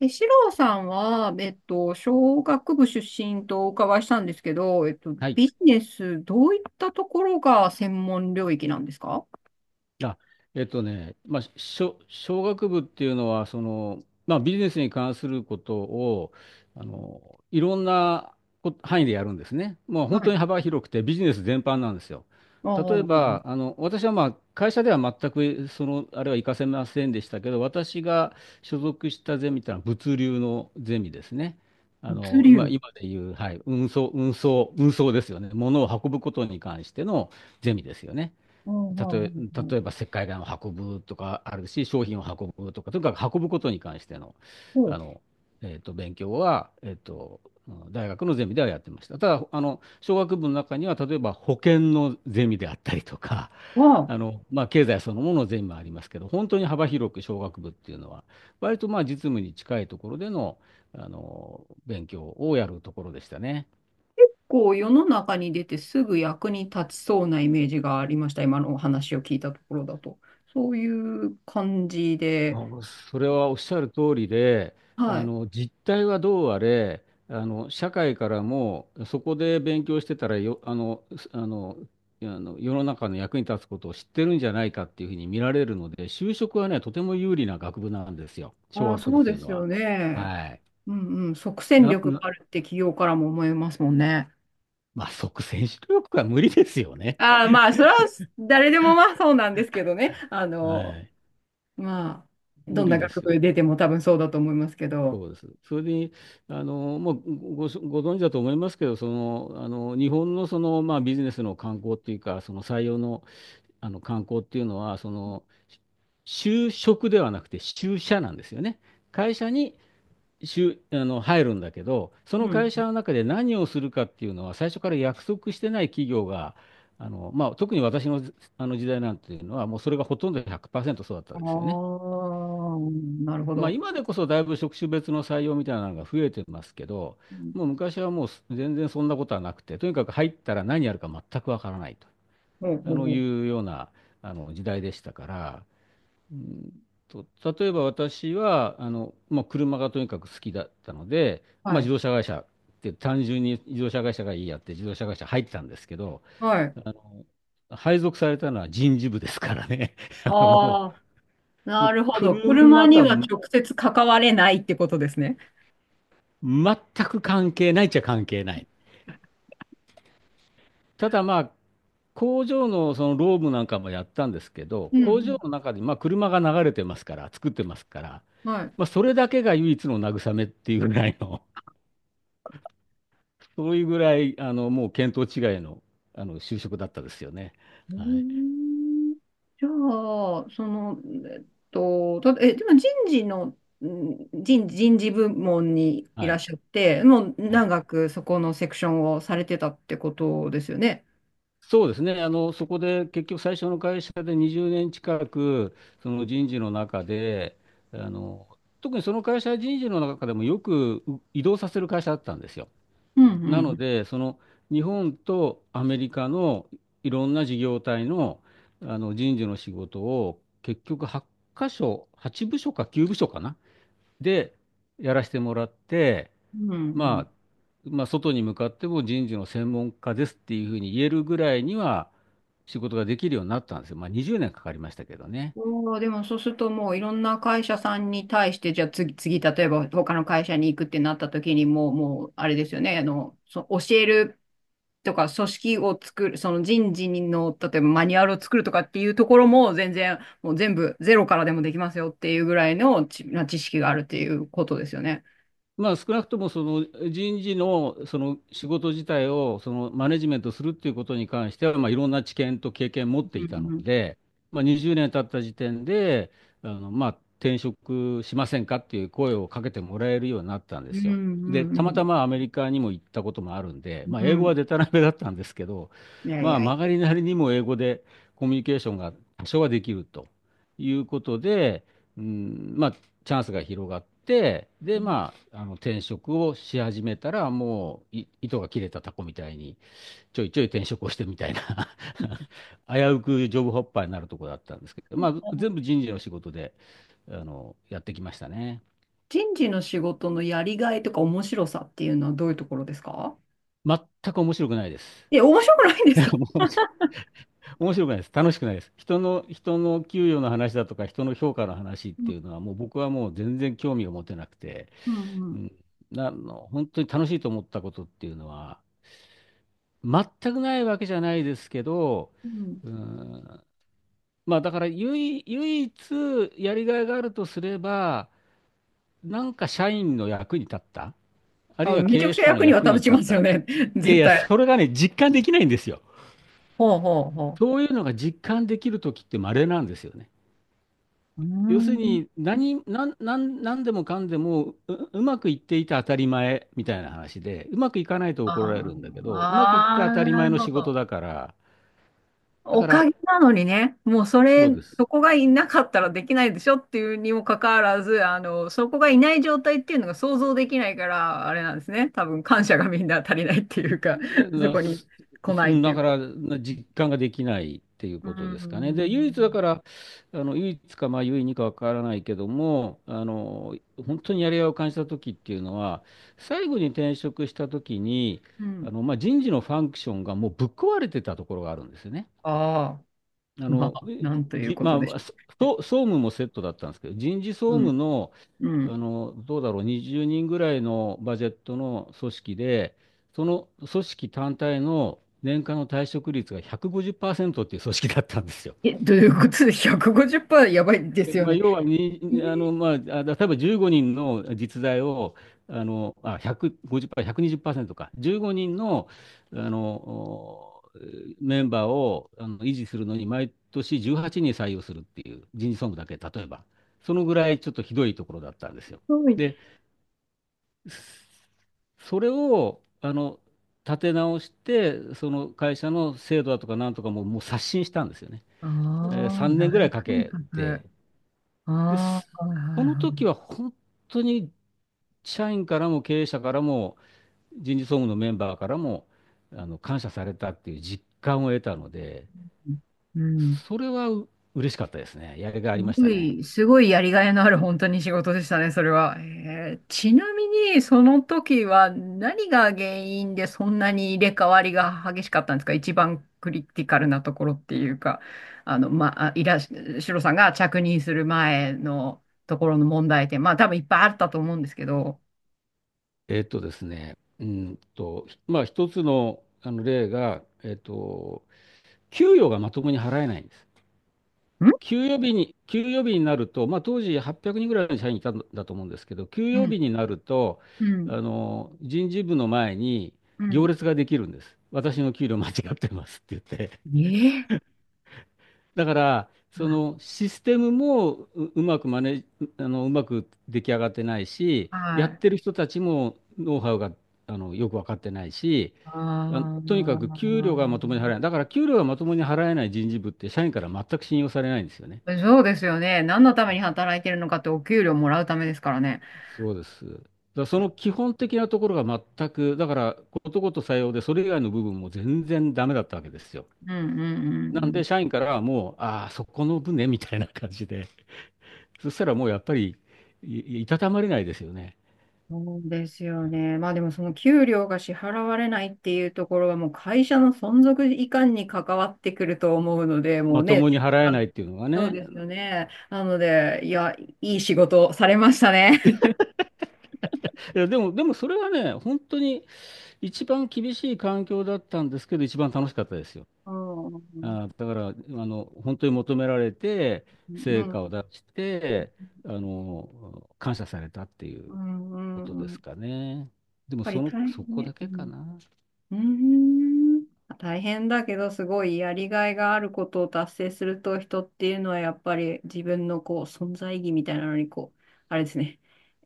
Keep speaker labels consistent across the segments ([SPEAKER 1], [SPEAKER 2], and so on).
[SPEAKER 1] 四郎さんは、商学部出身とお伺いしたんですけど、
[SPEAKER 2] はい。
[SPEAKER 1] ビジネス、どういったところが専門領域なんですか？
[SPEAKER 2] あ、商学部っていうのは、ビジネスに関することを、いろんなこ範囲でやるんですね。もう本
[SPEAKER 1] は
[SPEAKER 2] 当
[SPEAKER 1] い。
[SPEAKER 2] に幅広くて、ビジネス全般なんですよ。
[SPEAKER 1] あ
[SPEAKER 2] 例え
[SPEAKER 1] あ、
[SPEAKER 2] ば、私はまあ、会社では全く、あれは活かせませんでしたけど、私が所属したゼミってのは物流のゼミですね。
[SPEAKER 1] 物流。
[SPEAKER 2] 今でいう、はい、運送ですよね。物を運ぶことに関してのゼミですよね。
[SPEAKER 1] あ
[SPEAKER 2] 例
[SPEAKER 1] あ、
[SPEAKER 2] え、例えば石灰岩を運ぶとかあるし、商品を運ぶとか、とにかく運ぶことに関しての、
[SPEAKER 1] ほう。
[SPEAKER 2] あの、勉強は、大学のゼミではやってました。ただ、商学部の中には、例えば保険のゼミであったりとか、
[SPEAKER 1] は、
[SPEAKER 2] 経済そのもののゼミもありますけど、本当に幅広く商学部っていうのは、割とまあ、実務に近いところでの、勉強をやるところでしたね。
[SPEAKER 1] こう、世の中に出てすぐ役に立ちそうなイメージがありました。今のお話を聞いたところだと。そういう感じで、
[SPEAKER 2] それはおっしゃる通りで、
[SPEAKER 1] はい。
[SPEAKER 2] 実態はどうあれ、社会からもそこで勉強してたらよ、あの、すあの、あの世の中の役に立つことを知ってるんじゃないかっていうふうに見られるので、就職はね、とても有利な学部なんですよ、商
[SPEAKER 1] ああ、
[SPEAKER 2] 学部
[SPEAKER 1] そ
[SPEAKER 2] っ
[SPEAKER 1] う
[SPEAKER 2] てい
[SPEAKER 1] で
[SPEAKER 2] うの
[SPEAKER 1] すよ
[SPEAKER 2] は。
[SPEAKER 1] ね。
[SPEAKER 2] はい。
[SPEAKER 1] うんうん。即戦
[SPEAKER 2] な、
[SPEAKER 1] 力が
[SPEAKER 2] な、
[SPEAKER 1] あるって企業からも思いますもんね。
[SPEAKER 2] まあ、即戦力は無理ですよね。
[SPEAKER 1] ああ、まあ、それは誰でもまあそうなんですけどね。
[SPEAKER 2] はい。
[SPEAKER 1] まあ、
[SPEAKER 2] 無
[SPEAKER 1] どん
[SPEAKER 2] 理
[SPEAKER 1] な
[SPEAKER 2] で
[SPEAKER 1] 学
[SPEAKER 2] すよ。
[SPEAKER 1] 部出ても多分そうだと思いますけど。
[SPEAKER 2] そうです。それに、あの、もうご、ごご存知だと思いますけど、日本のその、まあ、ビジネスの観光っていうか、その採用の、観光っていうのは、就職ではなくて就社なんですよね。会社に就、あの、入るんだけど、その
[SPEAKER 1] うん。
[SPEAKER 2] 会社の中で何をするかっていうのは、最初から約束してない企業が、まあ、特に私の、あの時代なんていうのは、もうそれがほとんど100%そうだった
[SPEAKER 1] あ
[SPEAKER 2] ですよね。
[SPEAKER 1] あ、なるほ
[SPEAKER 2] まあ、
[SPEAKER 1] ど。
[SPEAKER 2] 今でこそだいぶ職種別の採用みたいなのが増えてますけど、
[SPEAKER 1] うん。
[SPEAKER 2] もう昔はもうす全然そんなことはなくて、とにかく入ったら何やるか全くわからないと
[SPEAKER 1] ほう
[SPEAKER 2] あ
[SPEAKER 1] ほう
[SPEAKER 2] の
[SPEAKER 1] ほう。
[SPEAKER 2] いうようなあの時代でしたから、うんと、例えば私はあの、まあ、車がとにかく好きだったので、
[SPEAKER 1] は
[SPEAKER 2] まあ、自
[SPEAKER 1] い。
[SPEAKER 2] 動車会社って単純に自動車会社がいいやって自動車会社入ってたんですけど、
[SPEAKER 1] はい。
[SPEAKER 2] あの配属されたのは人事部ですからね。あのも
[SPEAKER 1] ああ、
[SPEAKER 2] う、も
[SPEAKER 1] な
[SPEAKER 2] う
[SPEAKER 1] るほど。車
[SPEAKER 2] 車と
[SPEAKER 1] に
[SPEAKER 2] は
[SPEAKER 1] は直接関われないってことですね。
[SPEAKER 2] 全く関係ないっちゃ関係ない。ただまあ、工場のその労務なんかもやったんですけど、
[SPEAKER 1] う
[SPEAKER 2] 工場
[SPEAKER 1] ん
[SPEAKER 2] の中にまあ車が流れてますから、作ってますから、
[SPEAKER 1] うん。は
[SPEAKER 2] まあ、
[SPEAKER 1] い。
[SPEAKER 2] それだけが唯一の慰めっていうぐらいの、そういうぐらい、もう見当違いの、就職だったですよね。
[SPEAKER 1] うー
[SPEAKER 2] はい。
[SPEAKER 1] んじゃあ、えっでも人事の、人事部門にい
[SPEAKER 2] は
[SPEAKER 1] らっ
[SPEAKER 2] い。
[SPEAKER 1] しゃって、もう
[SPEAKER 2] はい、
[SPEAKER 1] 長くそこのセクションをされてたってことですよね。
[SPEAKER 2] そうですね。そこで結局最初の会社で20年近くその人事の中で、あの、特にその会社は人事の中でもよくう移動させる会社だったんですよ。
[SPEAKER 1] うん、う
[SPEAKER 2] なの
[SPEAKER 1] ん、
[SPEAKER 2] で、その日本とアメリカのいろんな事業体の、人事の仕事を結局8箇所、8部署か9部署かな、でやらせてもらって、
[SPEAKER 1] うん。うんう
[SPEAKER 2] ま
[SPEAKER 1] ん。
[SPEAKER 2] 外に向かっても人事の専門家ですっていうふうに言えるぐらいには仕事ができるようになったんですよ。まあ、20年かかりましたけどね。
[SPEAKER 1] おー、でもそうするともういろんな会社さんに対して、じゃあ次、例えば他の会社に行くってなった時にもう、あれですよね、教えるとか組織を作る、その人事の、例えばマニュアルを作るとかっていうところも全然、もう全部ゼロからでもできますよっていうぐらいの知識があるっていうことですよね。
[SPEAKER 2] まあ、少なくともその人事の、その仕事自体をそのマネジメントするっていうことに関しては、まあ、いろんな知見と経験を持って
[SPEAKER 1] う
[SPEAKER 2] いたの
[SPEAKER 1] ん
[SPEAKER 2] で、まあ、20年経った時点でまあ、転職しませんかっていう声をかけてもらえるようになったんで
[SPEAKER 1] う
[SPEAKER 2] す
[SPEAKER 1] ん。う
[SPEAKER 2] よ。で、
[SPEAKER 1] んう
[SPEAKER 2] たまた
[SPEAKER 1] ん
[SPEAKER 2] まアメリカにも行ったこともあるんで、
[SPEAKER 1] う
[SPEAKER 2] まあ、英
[SPEAKER 1] ん。う
[SPEAKER 2] 語は
[SPEAKER 1] ん。
[SPEAKER 2] デタらめだったんですけど、
[SPEAKER 1] いやい
[SPEAKER 2] まあ、
[SPEAKER 1] やい
[SPEAKER 2] 曲が
[SPEAKER 1] や。
[SPEAKER 2] りなりにも英語でコミュニケーションが多少はできるということで、うん、まあ、チャンスが広がって、で、転職をし始めたら、もう、い糸が切れたタコみたいに、ちょいちょい転職をしてみたいな 危うくジョブホッパーになるとこだったんですけど、まあ、全部人事の仕事で、やってきましたね。
[SPEAKER 1] 人事の仕事のやりがいとか面白さっていうのはどういうところですか？
[SPEAKER 2] 全く面白くないです。
[SPEAKER 1] え、面白くないんですか？
[SPEAKER 2] 面白くないです。楽しくないです。人の給与の話だとか、人の評価の話っ
[SPEAKER 1] う
[SPEAKER 2] て
[SPEAKER 1] ん
[SPEAKER 2] いうのは、もう僕はもう全然興味を持てなくて、
[SPEAKER 1] うんう
[SPEAKER 2] う
[SPEAKER 1] ん
[SPEAKER 2] ん、なあの、本当に楽しいと思ったことっていうのは、全くないわけじゃないですけど、
[SPEAKER 1] うん。
[SPEAKER 2] うん、まあだから唯一やりがいがあるとすれば、なんか社員の役に立った、ある
[SPEAKER 1] あ、
[SPEAKER 2] いは
[SPEAKER 1] めちゃ
[SPEAKER 2] 経
[SPEAKER 1] く
[SPEAKER 2] 営
[SPEAKER 1] ちゃ
[SPEAKER 2] 者の
[SPEAKER 1] 役には
[SPEAKER 2] 役に
[SPEAKER 1] 立ち
[SPEAKER 2] 立っ
[SPEAKER 1] ます
[SPEAKER 2] た。
[SPEAKER 1] よね。
[SPEAKER 2] いやい
[SPEAKER 1] 絶
[SPEAKER 2] や、
[SPEAKER 1] 対。
[SPEAKER 2] それがね、実感できないんですよ。
[SPEAKER 1] ほうほうほ
[SPEAKER 2] そういうのが実感できるときって稀なんですよね。
[SPEAKER 1] う。う
[SPEAKER 2] 要する
[SPEAKER 1] ーん。
[SPEAKER 2] に何でもかんでもう、うまくいっていて当たり前みたいな話で、うまくいかないと
[SPEAKER 1] あ
[SPEAKER 2] 怒られるんだけ
[SPEAKER 1] ー
[SPEAKER 2] ど、うまくいって
[SPEAKER 1] あ
[SPEAKER 2] 当た
[SPEAKER 1] ー、
[SPEAKER 2] り
[SPEAKER 1] な
[SPEAKER 2] 前
[SPEAKER 1] る
[SPEAKER 2] の
[SPEAKER 1] ほ
[SPEAKER 2] 仕事
[SPEAKER 1] ど。
[SPEAKER 2] だから、だ
[SPEAKER 1] お
[SPEAKER 2] か
[SPEAKER 1] か
[SPEAKER 2] ら、
[SPEAKER 1] げなのにね、もうそ
[SPEAKER 2] そ
[SPEAKER 1] れ、
[SPEAKER 2] うです。
[SPEAKER 1] そこがいなかったらできないでしょっていうにもかかわらず、そこがいない状態っていうのが想像できないから、あれなんですね。多分感謝がみんな足りないっていうか、
[SPEAKER 2] う
[SPEAKER 1] そこに来ないってい
[SPEAKER 2] だ
[SPEAKER 1] う
[SPEAKER 2] か
[SPEAKER 1] か。
[SPEAKER 2] ら、実感ができないっていう
[SPEAKER 1] うー
[SPEAKER 2] ことですかね。で、唯一だか
[SPEAKER 1] ん。
[SPEAKER 2] ら、唯一か、まあ、唯二かわからないけども、本当にやりがいを感じた時っていうのは、最後に転職した時に、
[SPEAKER 1] うん。
[SPEAKER 2] まあ、人事のファンクションがもうぶっ壊れてたところがあるんですよね。
[SPEAKER 1] あ
[SPEAKER 2] あ
[SPEAKER 1] あ、ま
[SPEAKER 2] の、
[SPEAKER 1] あ、なんという
[SPEAKER 2] じ、
[SPEAKER 1] こと
[SPEAKER 2] ま
[SPEAKER 1] でし
[SPEAKER 2] あ、そ
[SPEAKER 1] ょ
[SPEAKER 2] 総務もセットだったんですけど、人事総
[SPEAKER 1] う。うん。
[SPEAKER 2] 務の、
[SPEAKER 1] うん。
[SPEAKER 2] どうだろう、20人ぐらいのバジェットの組織で、その組織単体の年間の退職率が150%っパーセントっていう組織だったんですよ。
[SPEAKER 1] え、どういうことで150%やばいです
[SPEAKER 2] え
[SPEAKER 1] よ
[SPEAKER 2] まあ、
[SPEAKER 1] ね？
[SPEAKER 2] 要は
[SPEAKER 1] えー
[SPEAKER 2] に、あの、まあ、あ例えば15人の実在を、150%、ひゃくにじゅっパーセ2 0か、15人の、あの、おメンバーを維持するのに、毎年18人採用するっていう人事総務だけ、例えば、そのぐらいちょっとひどいところだったんですよ。
[SPEAKER 1] すごい。
[SPEAKER 2] で、それを、立て直して、その会社の制度だとかなんとかも、もう刷新したんですよね。
[SPEAKER 1] あ
[SPEAKER 2] えー
[SPEAKER 1] あ、
[SPEAKER 2] 3年ぐらい
[SPEAKER 1] 大
[SPEAKER 2] か
[SPEAKER 1] 改
[SPEAKER 2] け
[SPEAKER 1] 革。
[SPEAKER 2] て、
[SPEAKER 1] あ
[SPEAKER 2] で、
[SPEAKER 1] あ、
[SPEAKER 2] す
[SPEAKER 1] はいは
[SPEAKER 2] そ
[SPEAKER 1] い
[SPEAKER 2] の時
[SPEAKER 1] は
[SPEAKER 2] は本当に社員からも経営者からも人事総務のメンバーからも感謝されたっていう実感を得たので、
[SPEAKER 1] い。うん。
[SPEAKER 2] それは嬉しかったですね。やりがいあ
[SPEAKER 1] す
[SPEAKER 2] りまし
[SPEAKER 1] ご
[SPEAKER 2] たね。
[SPEAKER 1] い、すごいやりがいのある本当に仕事でしたね、それは。ちなみに、その時は何が原因でそんなに入れ替わりが激しかったんですか？一番クリティカルなところっていうか、まあ、いらっし、シロさんが着任する前のところの問題点、まあ多分いっぱいあったと思うんですけど、
[SPEAKER 2] えっとですね、うんと、まあ一つの、例が、給与がまともに払えないんです。
[SPEAKER 1] ん
[SPEAKER 2] 休養日になると、まあ、当時800人ぐらいの社員いたんだと思うんですけど、休
[SPEAKER 1] う
[SPEAKER 2] 養
[SPEAKER 1] ん、
[SPEAKER 2] 日になると、
[SPEAKER 1] うん、
[SPEAKER 2] 人事部の前に
[SPEAKER 1] う
[SPEAKER 2] 行
[SPEAKER 1] ん。
[SPEAKER 2] 列ができるんです。私の給料間違ってますって言って。
[SPEAKER 1] ええ、
[SPEAKER 2] だから、そのシステムもう、うまくマネ、あの、うまく出来上がってないし、や
[SPEAKER 1] は
[SPEAKER 2] ってる
[SPEAKER 1] い。
[SPEAKER 2] 人たちもノウハウが、よく分かってないし、あ
[SPEAKER 1] あ
[SPEAKER 2] とにかく
[SPEAKER 1] あ。
[SPEAKER 2] 給料がまともに払えない。だから給料がまともに払えない人事部って社員から全く信用されないんですよね。
[SPEAKER 1] そうですよね。何のために働いてるのかってお給料もらうためですからね。
[SPEAKER 2] そうです。だからその基本的なところが全く、だからことごとさようで、それ以外の部分も全然ダメだったわけですよ。
[SPEAKER 1] うんうんう
[SPEAKER 2] なん
[SPEAKER 1] んう
[SPEAKER 2] で、
[SPEAKER 1] ん。
[SPEAKER 2] 社員からはもう、ああ、そこの分ね、みたいな感じで、そしたらもうやっぱり、いたたまれないですよね。
[SPEAKER 1] そうですよね。まあでもその給料が支払われないっていうところはもう会社の存続いかんに関わってくると思うので、もう
[SPEAKER 2] まと
[SPEAKER 1] ね、
[SPEAKER 2] もに払え
[SPEAKER 1] あ
[SPEAKER 2] な
[SPEAKER 1] の
[SPEAKER 2] いっていうのが
[SPEAKER 1] そう
[SPEAKER 2] ね。
[SPEAKER 1] ですよね。なので、いや、いい仕事をされましたね。
[SPEAKER 2] でもそれはね、本当に一番厳しい環境だったんですけど、一番楽しかったですよ。
[SPEAKER 1] うんう
[SPEAKER 2] あー、だから、あの、本当に求められて、成
[SPEAKER 1] ん
[SPEAKER 2] 果を出して、感謝されたってい
[SPEAKER 1] う
[SPEAKER 2] う。
[SPEAKER 1] んう
[SPEAKER 2] こと
[SPEAKER 1] んう
[SPEAKER 2] で
[SPEAKER 1] ん。やっ
[SPEAKER 2] すかね。でも
[SPEAKER 1] ぱり
[SPEAKER 2] その、
[SPEAKER 1] 大
[SPEAKER 2] そ
[SPEAKER 1] 変
[SPEAKER 2] こだ
[SPEAKER 1] ね。う
[SPEAKER 2] けか
[SPEAKER 1] ん。
[SPEAKER 2] な。
[SPEAKER 1] うーん。大変だけど、すごいやりがいがあることを達成すると、人っていうのはやっぱり自分のこう存在意義みたいなのに、こう、あれですね、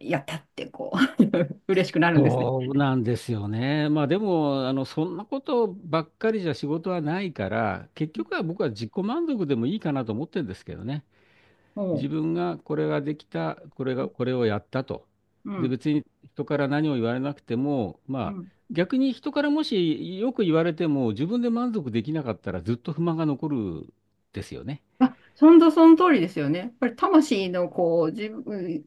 [SPEAKER 1] やったってこう 嬉しくなるんですね。
[SPEAKER 2] そうなんですよね。まあでも、あの、そんなことばっかりじゃ仕事はないから、結局は僕は自己満足でもいいかなと思ってるんですけどね。
[SPEAKER 1] お
[SPEAKER 2] 自
[SPEAKER 1] う。
[SPEAKER 2] 分がこれができた、これをやったと。
[SPEAKER 1] う
[SPEAKER 2] で、
[SPEAKER 1] ん。
[SPEAKER 2] 別に人から何を言われなくても、ま
[SPEAKER 1] う
[SPEAKER 2] あ
[SPEAKER 1] ん。
[SPEAKER 2] 逆に人からもしよく言われても自分で満足できなかったらずっと不満が残るですよね。
[SPEAKER 1] あ、そんとその通りですよね。やっぱり魂のこう、自分、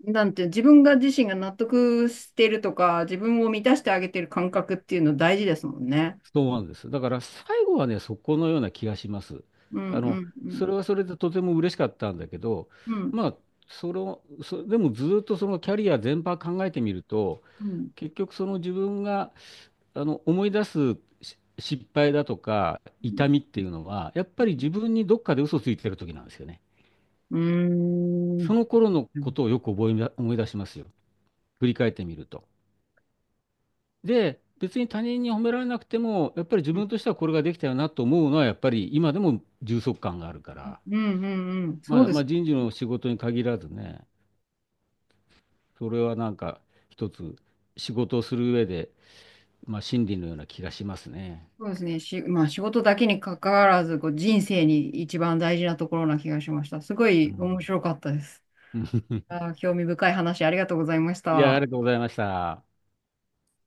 [SPEAKER 1] なんていう、自身が納得してるとか、自分を満たしてあげてる感覚っていうの大事ですもんね。
[SPEAKER 2] そうなんです。だから最後はね、そこのような気がします。
[SPEAKER 1] うんう
[SPEAKER 2] あの、
[SPEAKER 1] んうん。
[SPEAKER 2] それはそれでとても嬉しかったんだけど、
[SPEAKER 1] うん。
[SPEAKER 2] まあ、でもずっとそのキャリア全般考えてみると、
[SPEAKER 1] うん。
[SPEAKER 2] 結局その自分が思い出す失敗だとか痛みっていうのは、やっぱり自分にどっかで嘘ついてる時なんですよね。
[SPEAKER 1] うー
[SPEAKER 2] そ
[SPEAKER 1] ん。
[SPEAKER 2] の頃の
[SPEAKER 1] う
[SPEAKER 2] こ
[SPEAKER 1] ん
[SPEAKER 2] とをよく覚えな、思い出しますよ。振り返ってみると。で、別に他人に褒められなくても、やっぱり自分としてはこれができたよなと思うのは、やっぱり今でも充足感があるから、
[SPEAKER 1] うんうんうん。そうで
[SPEAKER 2] ま
[SPEAKER 1] す
[SPEAKER 2] あ
[SPEAKER 1] ね。
[SPEAKER 2] 人事の仕事に限らずね、それはなんか一つ仕事をする上で、まあ真理のような気がしますね。
[SPEAKER 1] そうですね。まあ仕事だけに関わらず、こう人生に一番大事なところな気がしました。すご
[SPEAKER 2] う
[SPEAKER 1] い面
[SPEAKER 2] ん。
[SPEAKER 1] 白かったです。あ ー、興味深い話ありがとうございまし
[SPEAKER 2] いや、あ
[SPEAKER 1] た。
[SPEAKER 2] りがとうございました。